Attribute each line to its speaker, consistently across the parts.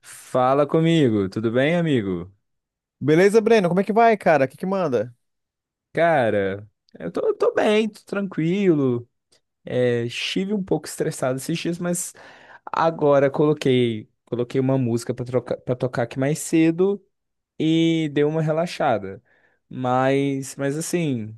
Speaker 1: Fala comigo, tudo bem, amigo?
Speaker 2: Beleza, Breno? Como é que vai, cara? O que manda?
Speaker 1: Cara, eu tô bem, tô tranquilo. Estive um pouco estressado esses dias, mas agora coloquei uma música pra tocar aqui mais cedo e deu uma relaxada. Mas assim.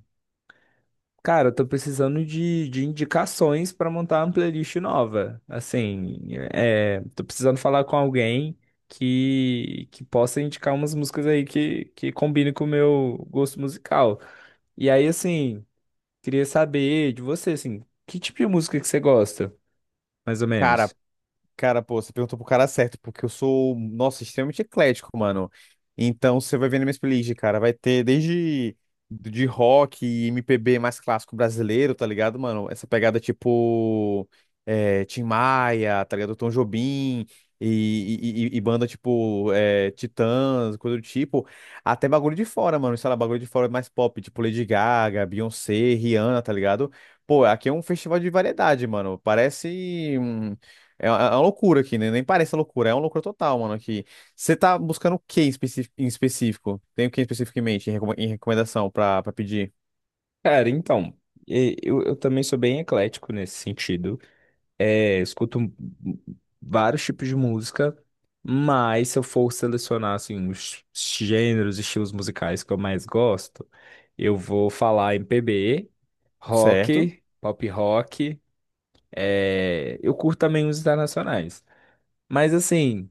Speaker 1: Cara, eu tô precisando de indicações pra montar uma playlist nova. Assim, tô precisando falar com alguém que possa indicar umas músicas aí que combinem com o meu gosto musical. E aí, assim, queria saber de você, assim, que tipo de música que você gosta, mais ou
Speaker 2: Cara,
Speaker 1: menos?
Speaker 2: Cara, pô, você perguntou pro cara certo, porque eu sou, nossa, extremamente eclético, mano. Então, você vai ver na minha playlist, cara, vai ter desde de rock e MPB mais clássico brasileiro, tá ligado, mano? Essa pegada tipo Tim Maia, tá ligado? Tom Jobim e banda tipo Titãs, coisa do tipo. Até bagulho de fora, mano, sei lá, bagulho de fora é mais pop, tipo Lady Gaga, Beyoncé, Rihanna, tá ligado? Pô, aqui é um festival de variedade, mano. Parece. É uma loucura aqui, né? Nem parece loucura, é uma loucura total, mano, aqui. Você tá buscando o que em específico? Tem o que especificamente em recomendação pra pedir?
Speaker 1: Cara, então, eu também sou bem eclético nesse sentido. Eu escuto vários tipos de música, mas se eu for selecionar assim, os gêneros e estilos musicais que eu mais gosto, eu vou falar MPB,
Speaker 2: Certo?
Speaker 1: rock, pop rock. Eu curto também os internacionais. Mas assim,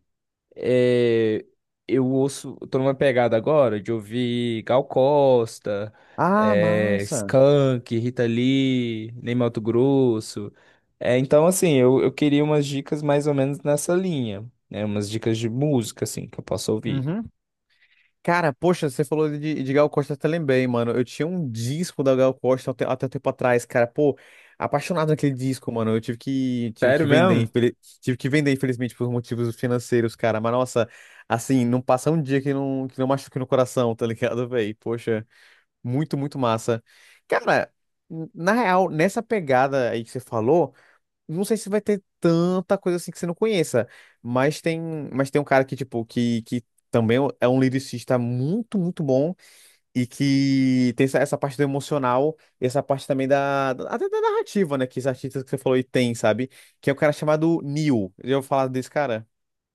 Speaker 1: é, eu ouço, eu tô numa pegada agora de ouvir Gal Costa,
Speaker 2: Ah, massa.
Speaker 1: Skank, Rita Lee, Ney Matogrosso. Então, assim, eu queria umas dicas mais ou menos nessa linha, né? Umas dicas de música, assim, que eu posso ouvir.
Speaker 2: Uhum. Cara, poxa, você falou de Gal Costa, eu até lembrei, mano. Eu tinha um disco da Gal Costa até um tempo atrás, cara. Pô, apaixonado naquele disco, mano. Tive
Speaker 1: Sério
Speaker 2: que vender,
Speaker 1: mesmo?
Speaker 2: tive que vender, infelizmente, por motivos financeiros, cara. Mas, nossa, assim, não passa um dia que não machuque no coração, tá ligado, velho? Poxa. Muito, muito massa. Cara, na real, nessa pegada aí que você falou, não sei se vai ter tanta coisa assim que você não conheça, mas tem, mas tem um cara que também é um lyricista muito, muito bom e que tem essa parte do emocional e essa parte também até da narrativa, né, que os artistas que você falou aí tem, sabe? Que é o cara chamado Neil. Eu vou falar desse cara.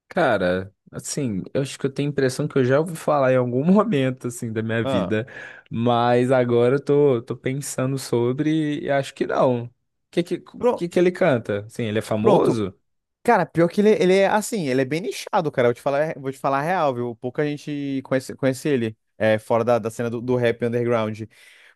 Speaker 1: Cara, assim, eu acho que eu tenho a impressão que eu já ouvi falar em algum momento, assim, da minha
Speaker 2: Ah.
Speaker 1: vida, mas agora eu tô pensando sobre e acho que não. O que que, que
Speaker 2: Pro-
Speaker 1: que ele canta? Assim, ele é
Speaker 2: Pronto.
Speaker 1: famoso?
Speaker 2: Cara, pior que ele é assim, ele é bem nichado, cara. Eu vou te falar a real, viu? Pouca gente conhece ele, é, fora da cena do rap underground.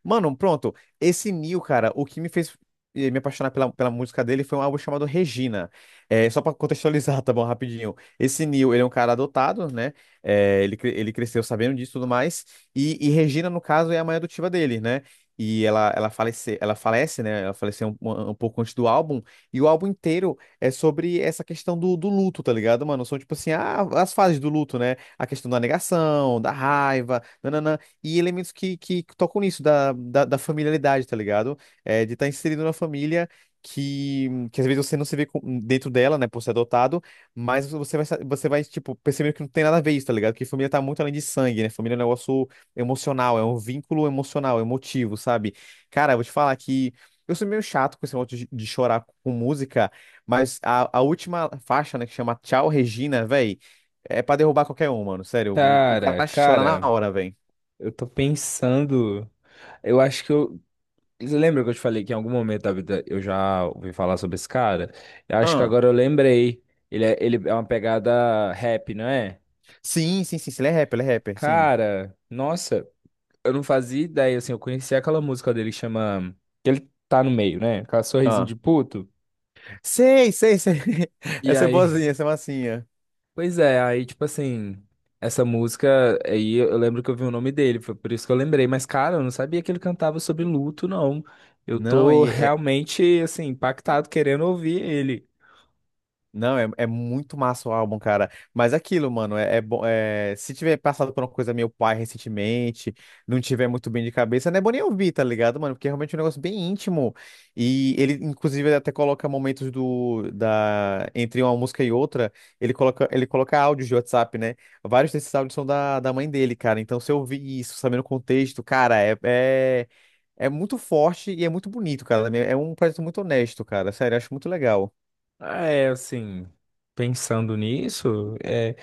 Speaker 2: Mano, pronto. Esse Nil, cara, o que me fez me apaixonar pela música dele foi um álbum chamado Regina. É, só pra contextualizar, tá bom, rapidinho. Esse Nil, ele é um cara adotado, né? É, ele cresceu sabendo disso e tudo mais. E Regina, no caso, é a mãe adotiva dele, né? E ela falece, né? Ela faleceu um pouco antes do álbum. E o álbum inteiro é sobre essa questão do luto, tá ligado, mano? São tipo assim, ah, as fases do luto, né? A questão da negação, da raiva, nananã, e elementos que tocam nisso, da familiaridade, tá ligado? É, de estar inserido na família. Que às vezes você não se vê dentro dela, né, por ser adotado, mas você vai, tipo, percebendo que não tem nada a ver isso, tá ligado? Que família tá muito além de sangue, né? Família é um negócio emocional, é um vínculo emocional, emotivo, sabe? Cara, eu vou te falar que eu sou meio chato com esse negócio de chorar com música, mas a última faixa, né, que chama Tchau Regina, véi, é pra derrubar qualquer um, mano. Sério, o
Speaker 1: Cara,
Speaker 2: cara chora na
Speaker 1: cara,
Speaker 2: hora, véi.
Speaker 1: eu tô pensando. Eu acho que eu. Lembra que eu te falei que em algum momento da vida eu já ouvi falar sobre esse cara? Eu acho que
Speaker 2: Ah,
Speaker 1: agora eu lembrei. Ele é uma pegada rap, não é?
Speaker 2: sim, sim, sim, sim, ele é rapper, sim.
Speaker 1: Cara, nossa. Eu não fazia ideia, assim, eu conhecia aquela música dele que chama. Que ele tá no meio, né? Aquela sorrisinho
Speaker 2: Ah,
Speaker 1: de puto.
Speaker 2: sei, sei, sei.
Speaker 1: E
Speaker 2: Essa é
Speaker 1: aí,
Speaker 2: boazinha, essa é massinha.
Speaker 1: pois é, aí, tipo assim, essa música, aí eu lembro que eu vi o nome dele, foi por isso que eu lembrei. Mas, cara, eu não sabia que ele cantava sobre luto, não. Eu
Speaker 2: Não,
Speaker 1: tô
Speaker 2: e é,
Speaker 1: realmente, assim, impactado, querendo ouvir ele.
Speaker 2: Não, é, é muito massa o álbum, cara. Mas é aquilo, mano, é, é bom. É, se tiver passado por uma coisa meio pai recentemente, não tiver muito bem de cabeça, não é bom nem ouvir, tá ligado, mano? Porque é realmente um negócio bem íntimo. E ele, inclusive, ele até coloca momentos entre uma música e outra, ele coloca áudios de WhatsApp, né? Vários desses áudios são da mãe dele, cara. Então, se eu ouvir isso, sabendo o contexto, cara, é muito forte e é muito bonito, cara. É um projeto muito honesto, cara. Sério, eu acho muito legal.
Speaker 1: É, assim, pensando nisso.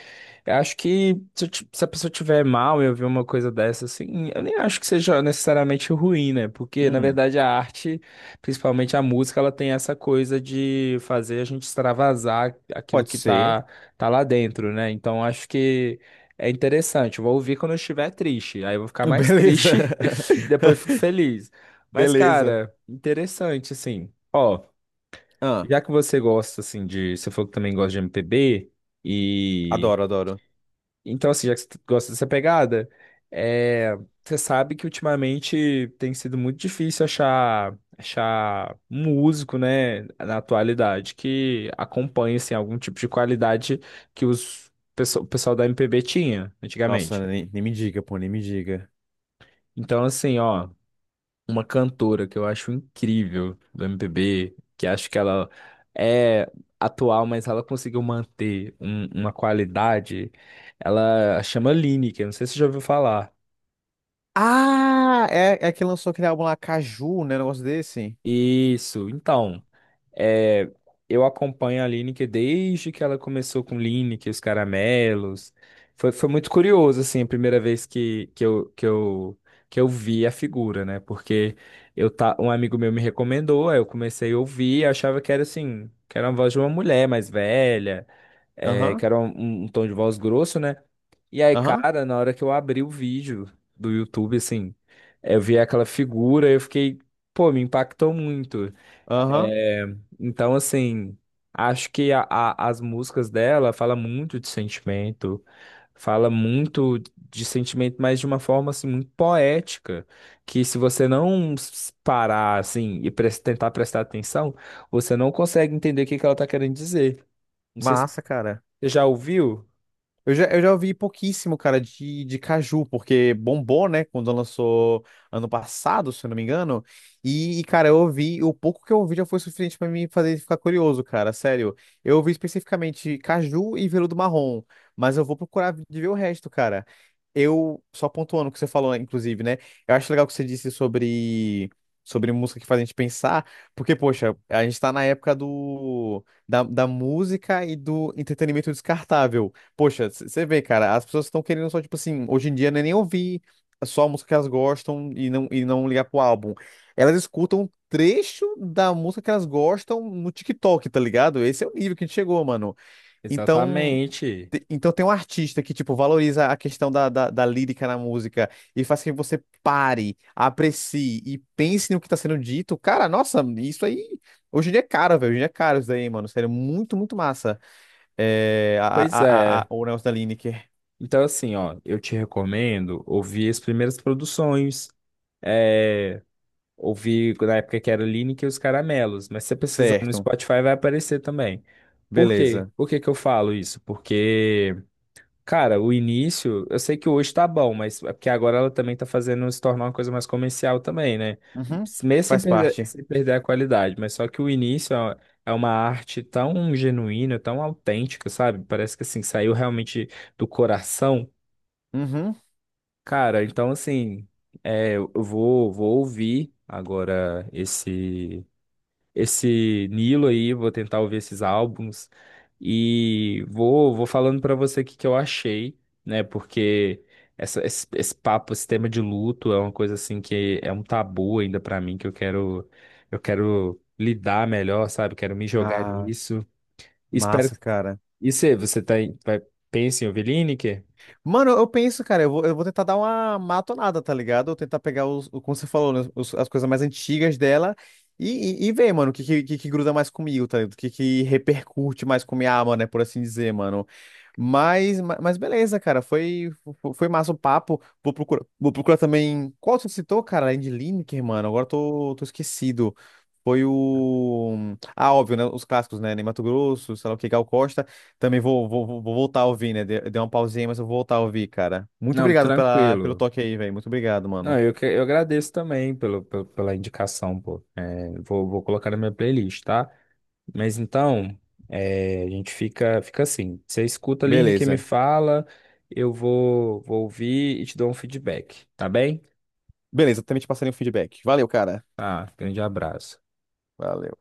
Speaker 1: Eu acho que se, se a pessoa tiver mal e ouvir uma coisa dessa, assim, eu nem acho que seja necessariamente ruim, né? Porque, na
Speaker 2: Hum,
Speaker 1: verdade, a arte, principalmente a música, ela tem essa coisa de fazer a gente extravasar aquilo
Speaker 2: pode
Speaker 1: que
Speaker 2: ser.
Speaker 1: tá lá dentro, né? Então, acho que é interessante. Eu vou ouvir quando eu estiver triste. Aí eu vou ficar mais
Speaker 2: Beleza.
Speaker 1: triste, e depois fico feliz. Mas,
Speaker 2: Beleza.
Speaker 1: cara, interessante, assim. Ó,
Speaker 2: Ah,
Speaker 1: já que você gosta, assim, de. Você falou que também gosta de MPB. E
Speaker 2: adoro, adoro.
Speaker 1: então, assim, já que você gosta dessa pegada, é, você sabe que ultimamente tem sido muito difícil achar músico, né, na atualidade, que acompanhe, assim, algum tipo de qualidade que o pessoal da MPB tinha antigamente.
Speaker 2: Nossa, nem, nem me diga, pô, nem me diga.
Speaker 1: Então, assim, ó, uma cantora que eu acho incrível do MPB, que acho que ela é atual, mas ela conseguiu manter uma qualidade, ela chama Lineker, não sei se você já ouviu falar.
Speaker 2: Ah, é, é que lançou aquele álbum lá, Caju, né? Um negócio desse.
Speaker 1: Isso, então, é, eu acompanho a Lineker desde que ela começou com Lineker, os caramelos. Foi muito curioso, assim, a primeira vez que eu vi a figura, né? Porque um amigo meu me recomendou, aí eu comecei a ouvir, achava que era assim, que era a voz de uma mulher mais velha que
Speaker 2: Aham,
Speaker 1: era um tom de voz grosso, né? E aí,
Speaker 2: aham,
Speaker 1: cara, na hora que eu abri o vídeo do YouTube, assim, eu vi aquela figura, eu fiquei, pô, me impactou muito.
Speaker 2: aham.
Speaker 1: É, então, assim, acho que as músicas dela falam muito de sentimento, fala muito de sentimento, mas de uma forma, assim, muito poética, que se você não s- parar, assim, e tentar prestar atenção, você não consegue entender o que que ela tá querendo dizer. Não sei se
Speaker 2: Massa, cara.
Speaker 1: você já ouviu?
Speaker 2: Eu já ouvi pouquíssimo, cara, de Caju, porque bombou, né, quando lançou ano passado, se eu não me engano. Cara, eu ouvi, o pouco que eu ouvi já foi suficiente pra me fazer ficar curioso, cara, sério. Eu ouvi especificamente Caju e Veludo Marrom, mas eu vou procurar de ver o resto, cara. Eu, só pontuando o que você falou, né, inclusive, né, eu acho legal o que você disse sobre, sobre música que faz a gente pensar, porque, poxa, a gente tá na época da música e do entretenimento descartável. Poxa, você vê, cara, as pessoas estão querendo só, tipo assim, hoje em dia não é nem ouvir só a música que elas gostam e não ligar pro álbum. Elas escutam um trecho da música que elas gostam no TikTok, tá ligado? Esse é o nível que a gente chegou, mano. Então,
Speaker 1: Exatamente.
Speaker 2: então tem um artista que, tipo, valoriza a questão da lírica na música e faz com que você pare, aprecie e pense no que tá sendo dito. Cara, nossa, isso aí, hoje em dia é caro, velho. Hoje em dia é caro isso daí, mano. Sério, muito, muito massa. É,
Speaker 1: Pois é.
Speaker 2: o negócio da Lineker.
Speaker 1: Então, assim, ó, eu te recomendo ouvir as primeiras produções. É, Ouvir na época que era Lineker e os Caramelos. Mas se você precisar no
Speaker 2: Certo.
Speaker 1: Spotify, vai aparecer também. Por quê?
Speaker 2: Beleza.
Speaker 1: Por que que eu falo isso? Porque. Cara, o início, eu sei que hoje tá bom, mas é porque agora ela também tá fazendo se tornar uma coisa mais comercial também, né?
Speaker 2: Uhum.
Speaker 1: Mesmo sem
Speaker 2: Faz
Speaker 1: perder,
Speaker 2: parte.
Speaker 1: sem perder a qualidade, mas só que o início é uma arte tão genuína, tão autêntica, sabe? Parece que assim, saiu realmente do coração.
Speaker 2: Uhum.
Speaker 1: Cara, então assim, eu vou, vou ouvir agora esse Nilo aí, vou tentar ouvir esses álbuns e vou, vou falando pra você o que que eu achei, né? Porque esse papo, esse tema de luto é uma coisa assim que é um tabu ainda pra mim, que eu quero lidar melhor, sabe? Quero me jogar
Speaker 2: Ah,
Speaker 1: nisso. Espero
Speaker 2: massa,
Speaker 1: que...
Speaker 2: cara.
Speaker 1: E você, você tá, vai, pensa em ouvir Lineker?
Speaker 2: Mano, eu penso, cara, eu vou tentar dar uma matonada, tá ligado? Eu tentar pegar como você falou, né, as coisas mais antigas dela e ver, mano, o que que gruda mais comigo, tá ligado? Que repercute mais com minha alma, né? Por assim dizer, mano. Mas beleza, cara, foi massa o papo. Vou procurar também. Qual você citou, cara? Além de Lineker, mano, agora tô esquecido. Foi o. Ah, óbvio, né? Os clássicos, né? Ney Matogrosso, sei lá o que, Gal Costa. Também vou vou voltar a ouvir, né? Dei uma pausinha, mas eu vou voltar a ouvir, cara. Muito
Speaker 1: Não,
Speaker 2: obrigado pelo
Speaker 1: tranquilo.
Speaker 2: toque aí, velho. Muito obrigado,
Speaker 1: Não,
Speaker 2: mano.
Speaker 1: eu, eu agradeço também pela indicação, pô. É, vou, vou colocar na minha playlist, tá? Mas então, a gente fica assim. Você escuta, Aline, que me
Speaker 2: Beleza.
Speaker 1: fala, eu vou, vou ouvir e te dou um feedback, tá bem?
Speaker 2: Beleza, também te passarei um feedback. Valeu, cara.
Speaker 1: Ah, grande abraço.
Speaker 2: Valeu.